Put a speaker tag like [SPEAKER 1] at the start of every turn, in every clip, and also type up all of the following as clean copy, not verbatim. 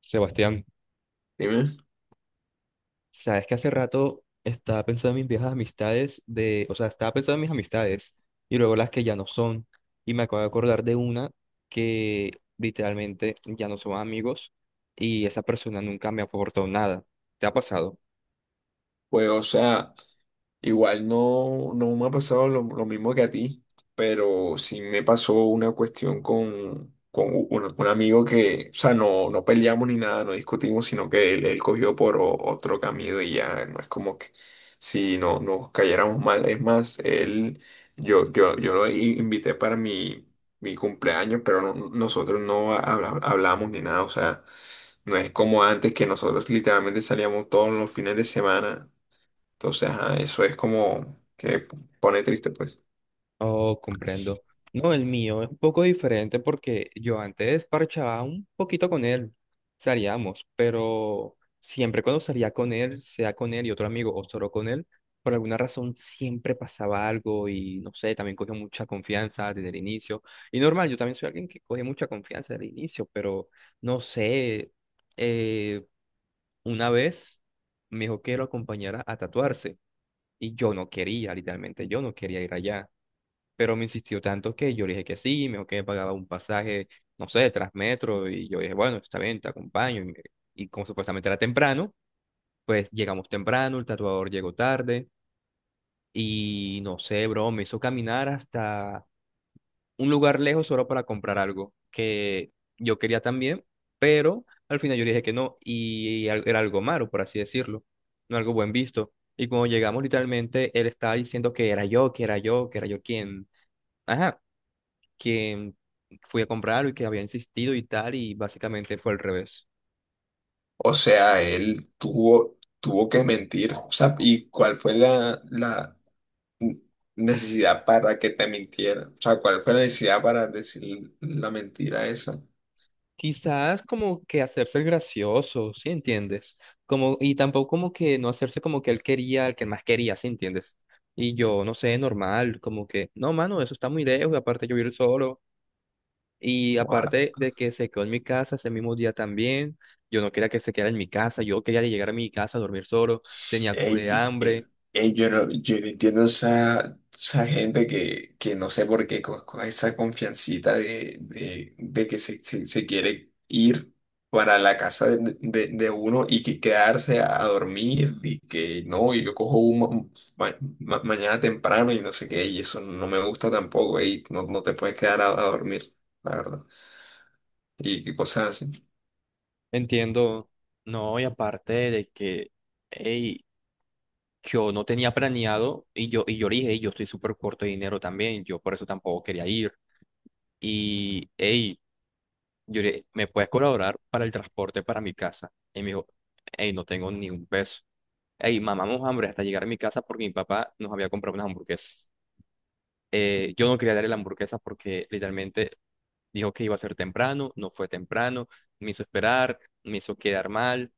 [SPEAKER 1] Sebastián,
[SPEAKER 2] Dime.
[SPEAKER 1] sabes que hace rato estaba pensando en mis viejas amistades. Estaba pensando en mis amistades y luego las que ya no son, y me acabo de acordar de una que literalmente ya no son amigos, y esa persona nunca me aportó nada. ¿Te ha pasado?
[SPEAKER 2] Pues, o sea. Igual no, No me ha pasado lo mismo que a ti, pero sí me pasó una cuestión con un amigo que no peleamos ni nada, no discutimos, sino que él cogió por otro camino y ya no es como que si no nos cayéramos mal. Es más, él, yo lo invité para mi cumpleaños, pero nosotros no hablamos ni nada, o sea, no es como antes que nosotros literalmente salíamos todos los fines de semana. Entonces, ajá, eso es como que pone triste, pues.
[SPEAKER 1] Oh, comprendo. No, el mío es un poco diferente porque yo antes parchaba un poquito con él, salíamos, pero siempre cuando salía con él, sea con él y otro amigo o solo con él, por alguna razón siempre pasaba algo y no sé, también cogió mucha confianza desde el inicio. Y normal, yo también soy alguien que coge mucha confianza desde el inicio, pero no sé, eh, una vez me dijo que lo acompañara a tatuarse y yo no quería, literalmente yo no quería ir allá. Pero me insistió tanto que yo le dije que sí, me dijo que me pagaba un pasaje, no sé, de Transmetro, y yo dije, bueno, está bien, te acompaño. Y como supuestamente era temprano, pues llegamos temprano, el tatuador llegó tarde, y no sé, bro, me hizo caminar hasta un lugar lejos solo para comprar algo que yo quería también, pero al final yo le dije que no, era algo malo, por así decirlo, no algo buen visto. Y cuando llegamos, literalmente, él estaba diciendo que era yo, que era yo quien... Ajá, que fui a comprarlo y que había insistido y tal, y básicamente fue al revés.
[SPEAKER 2] O sea, él tuvo que mentir. O sea, ¿y cuál fue la necesidad para que te mintiera? O sea, ¿cuál fue la necesidad para decir la mentira esa?
[SPEAKER 1] Quizás como que hacerse el gracioso, ¿sí entiendes? Como, y tampoco como que no hacerse como que él quería, el que más quería, ¿sí entiendes? Y yo, no sé, normal, como que, no, mano, eso está muy lejos, y aparte yo ir solo, y
[SPEAKER 2] Ojalá.
[SPEAKER 1] aparte de que se quedó en mi casa ese mismo día también, yo no quería que se quedara en mi casa, yo quería llegar a mi casa a dormir solo, tenía cura de
[SPEAKER 2] Ey,
[SPEAKER 1] hambre,
[SPEAKER 2] ey, yo no entiendo esa gente que no sé por qué, con esa confiancita de que se quiere ir para la casa de uno y que quedarse a dormir y que no, y yo cojo un mañana temprano y no sé qué, y eso no me gusta tampoco. Ey, no te puedes quedar a dormir, la verdad. Y cosas así,
[SPEAKER 1] entiendo, no, y aparte de que... Ey, yo no tenía planeado y yo le dije, "Ey, yo estoy súper corto de dinero también, yo por eso tampoco quería ir. Y, hey, yo le dije, ¿me puedes colaborar para el transporte para mi casa?". Y me dijo, hey, no tengo ni un peso. Hey, mamamos hambre hasta llegar a mi casa porque mi papá nos había comprado unas hamburguesas. Yo no quería darle la hamburguesa porque literalmente dijo que iba a ser temprano, no fue temprano, me hizo esperar, me hizo quedar mal.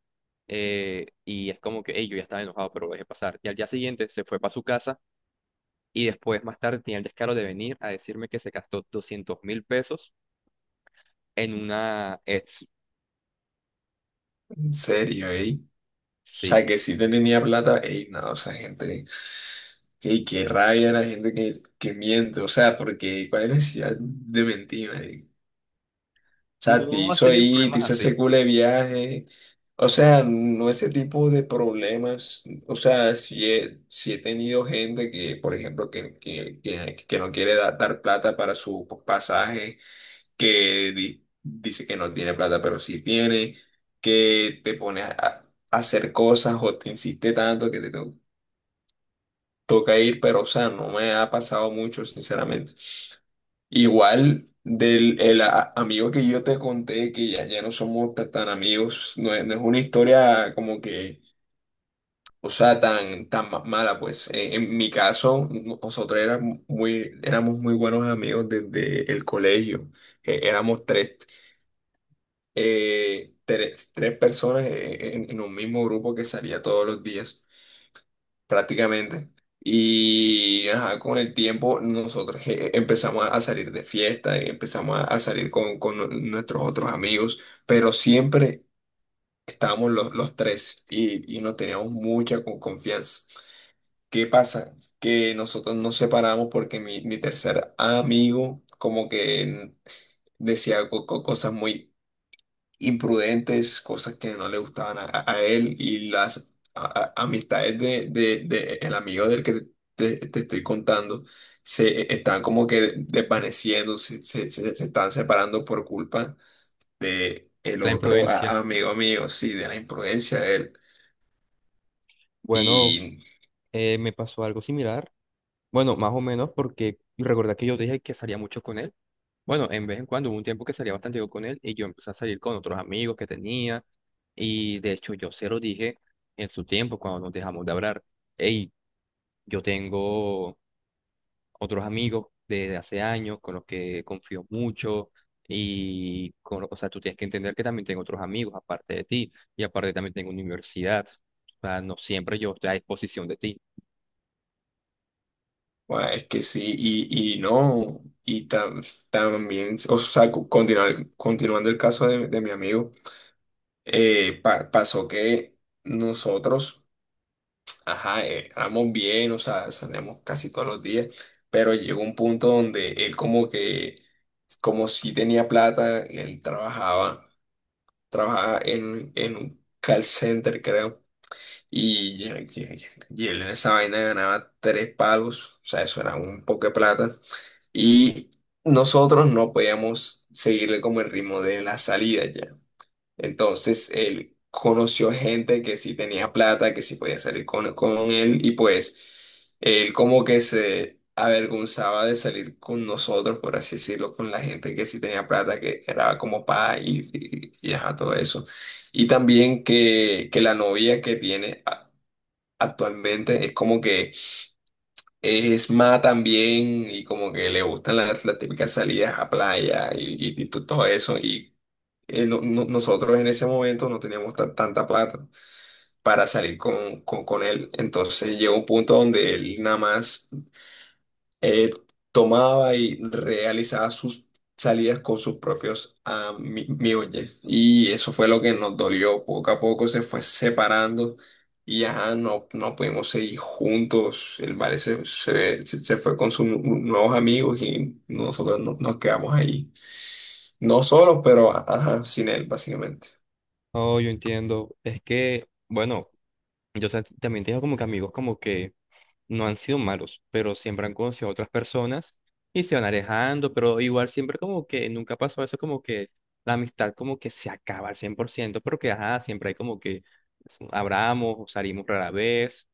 [SPEAKER 1] Y es como que, hey, yo ya estaba enojado, pero lo dejé pasar. Y al día siguiente se fue para su casa. Y después, más tarde, tenía el descaro de venir a decirme que se gastó 200.000 pesos en una ex.
[SPEAKER 2] en serio, ey. O sea,
[SPEAKER 1] Sí.
[SPEAKER 2] que si tenía plata, ey, no, esa gente. Qué, qué rabia la gente que miente, o sea, porque ¿cuál es la necesidad de mentir, marica? O sea, te
[SPEAKER 1] ¿No has
[SPEAKER 2] hizo
[SPEAKER 1] tenido
[SPEAKER 2] ahí, te
[SPEAKER 1] problemas
[SPEAKER 2] hizo ese
[SPEAKER 1] así?
[SPEAKER 2] culo de viaje, o sea, no ese tipo de problemas, o sea, si he tenido gente que, por ejemplo, que no quiere dar plata para su pasaje, que dice que no tiene plata, pero sí tiene, que te pone a hacer cosas o te insiste tanto que te toca ir, pero o sea, no me ha pasado mucho, sinceramente. Igual del el amigo que yo te conté, ya no somos tan amigos. No es, no es una historia como que, o sea, tan mala, pues. En mi caso, nosotros éramos muy buenos amigos desde el colegio. Éramos tres, eh, tres personas en un mismo grupo que salía todos los días, prácticamente. Y ajá, con el tiempo nosotros empezamos a salir de fiesta, y empezamos a salir con nuestros otros amigos, pero siempre estábamos los tres y nos teníamos mucha confianza. ¿Qué pasa? Que nosotros nos separamos porque mi tercer amigo como que decía cosas muy imprudentes, cosas que no le gustaban a, a él, y las amistades de el amigo del que te estoy contando se están como que desvaneciendo, se están separando por culpa de el
[SPEAKER 1] La
[SPEAKER 2] otro
[SPEAKER 1] imprudencia.
[SPEAKER 2] amigo mío, sí, de la imprudencia de él.
[SPEAKER 1] Bueno,
[SPEAKER 2] Y
[SPEAKER 1] me pasó algo similar. Bueno, más o menos porque recordá que yo dije que salía mucho con él. Bueno, en vez en cuando hubo un tiempo que salía bastante yo con él y yo empecé a salir con otros amigos que tenía. Y de hecho yo se lo dije en su tiempo cuando nos dejamos de hablar. Hey, yo tengo otros amigos de hace años con los que confío mucho y, con, o sea, tú tienes que entender que también tengo otros amigos aparte de ti y aparte también tengo universidad. O sea, no siempre yo estoy a disposición de ti.
[SPEAKER 2] bueno, es que sí, y no. Y también, o sea, continuando el caso de mi amigo, pasó que nosotros, ajá, éramos bien, o sea, salíamos casi todos los días, pero llegó un punto donde él como que, como si tenía plata, él trabajaba, trabajaba en un call center, creo, y, y él en esa vaina ganaba tres palos, o sea, eso era un poco de plata, y nosotros no podíamos seguirle como el ritmo de la salida ya. Entonces él conoció gente que sí tenía plata, que sí podía salir con él, y pues él como que se avergonzaba de salir con nosotros, por así decirlo, con la gente que sí tenía plata, que era como pa, y ajá, todo eso. Y también que la novia que tiene actualmente es como que es más también, y como que le gustan las típicas salidas a playa y todo eso. Y nosotros en ese momento no teníamos tanta plata para salir con él. Entonces llegó un punto donde él nada más eh, tomaba y realizaba sus salidas con sus propios amigos. Y eso fue lo que nos dolió. Poco a poco se fue separando. Y ajá, no, no pudimos seguir juntos. El vale se fue con sus nuevos amigos y nosotros nos quedamos ahí. No solos, pero ajá, sin él, básicamente.
[SPEAKER 1] Oh, yo entiendo. Es que, bueno, también tengo como que amigos como que no han sido malos, pero siempre han conocido a otras personas y se van alejando, pero igual siempre como que nunca pasó eso, como que la amistad como que se acaba al 100%, pero que ajá, siempre hay como que abramos o salimos rara vez,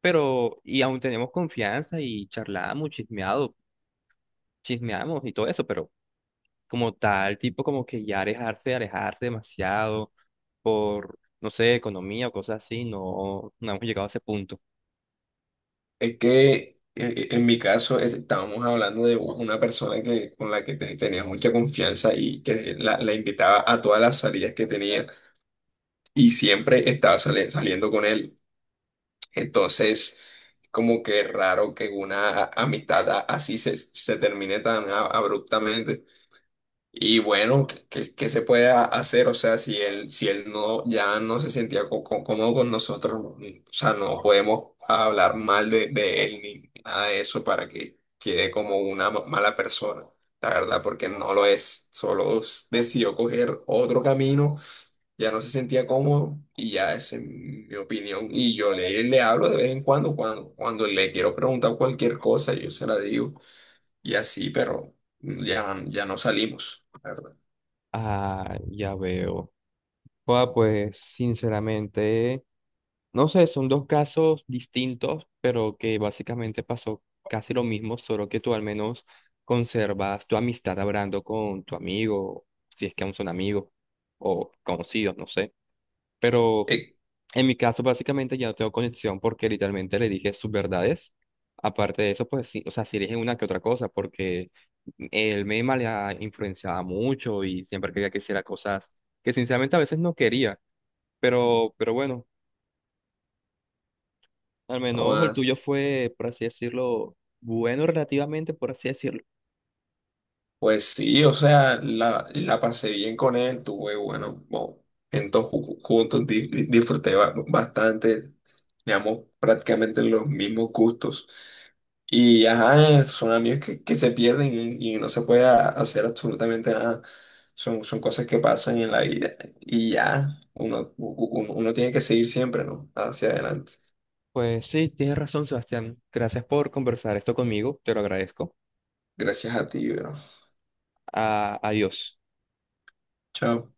[SPEAKER 1] pero y aún tenemos confianza y charlamos, chismeado, chismeamos y todo eso, pero como tal, tipo como que ya alejarse, demasiado por, no sé, economía o cosas así, no, no hemos llegado a ese punto.
[SPEAKER 2] Es que en mi caso estábamos hablando de una persona que, con la que tenía mucha confianza y que la invitaba a todas las salidas que tenía y siempre estaba saliendo con él. Entonces, como que raro que una amistad así se, se termine tan abruptamente. Y bueno, ¿qué, qué se puede hacer? O sea, si él, si él no, ya no se sentía cómodo con nosotros, no, o sea, no podemos hablar mal de él ni nada de eso para que quede como una mala persona, la verdad, porque no lo es. Solo decidió coger otro camino, ya no se sentía cómodo y ya esa es mi opinión. Y yo le hablo de vez en cuando, cuando le quiero preguntar cualquier cosa, yo se la digo y así, pero ya, ya no salimos, la verdad.
[SPEAKER 1] Ah, ya veo. Joda, pues sinceramente, no sé, son dos casos distintos, pero que básicamente pasó casi lo mismo, solo que tú al menos conservas tu amistad hablando con tu amigo, si es que aún son amigos o conocidos, no sé. Pero
[SPEAKER 2] Eh,
[SPEAKER 1] en mi caso básicamente ya no tengo conexión porque literalmente le dije sus verdades. Aparte de eso, pues sí, o sea, sí le dije una que otra cosa porque el meme le ha influenciado mucho y siempre quería que hiciera cosas que sinceramente a veces no quería. Pero bueno, al menos el
[SPEAKER 2] jodas,
[SPEAKER 1] tuyo fue, por así decirlo, bueno relativamente, por así decirlo.
[SPEAKER 2] pues sí, o sea, la pasé bien con él, tuve bueno, momentos juntos, disfruté bastante, teníamos prácticamente los mismos gustos. Y ajá, son amigos que se pierden y no se puede hacer absolutamente nada. Son, son cosas que pasan en la vida y ya, uno, u- u- uno, uno tiene que seguir siempre, ¿no? Hacia adelante.
[SPEAKER 1] Pues sí, tienes razón, Sebastián. Gracias por conversar esto conmigo, te lo agradezco.
[SPEAKER 2] Gracias a ti, bro.
[SPEAKER 1] Adiós.
[SPEAKER 2] Chao.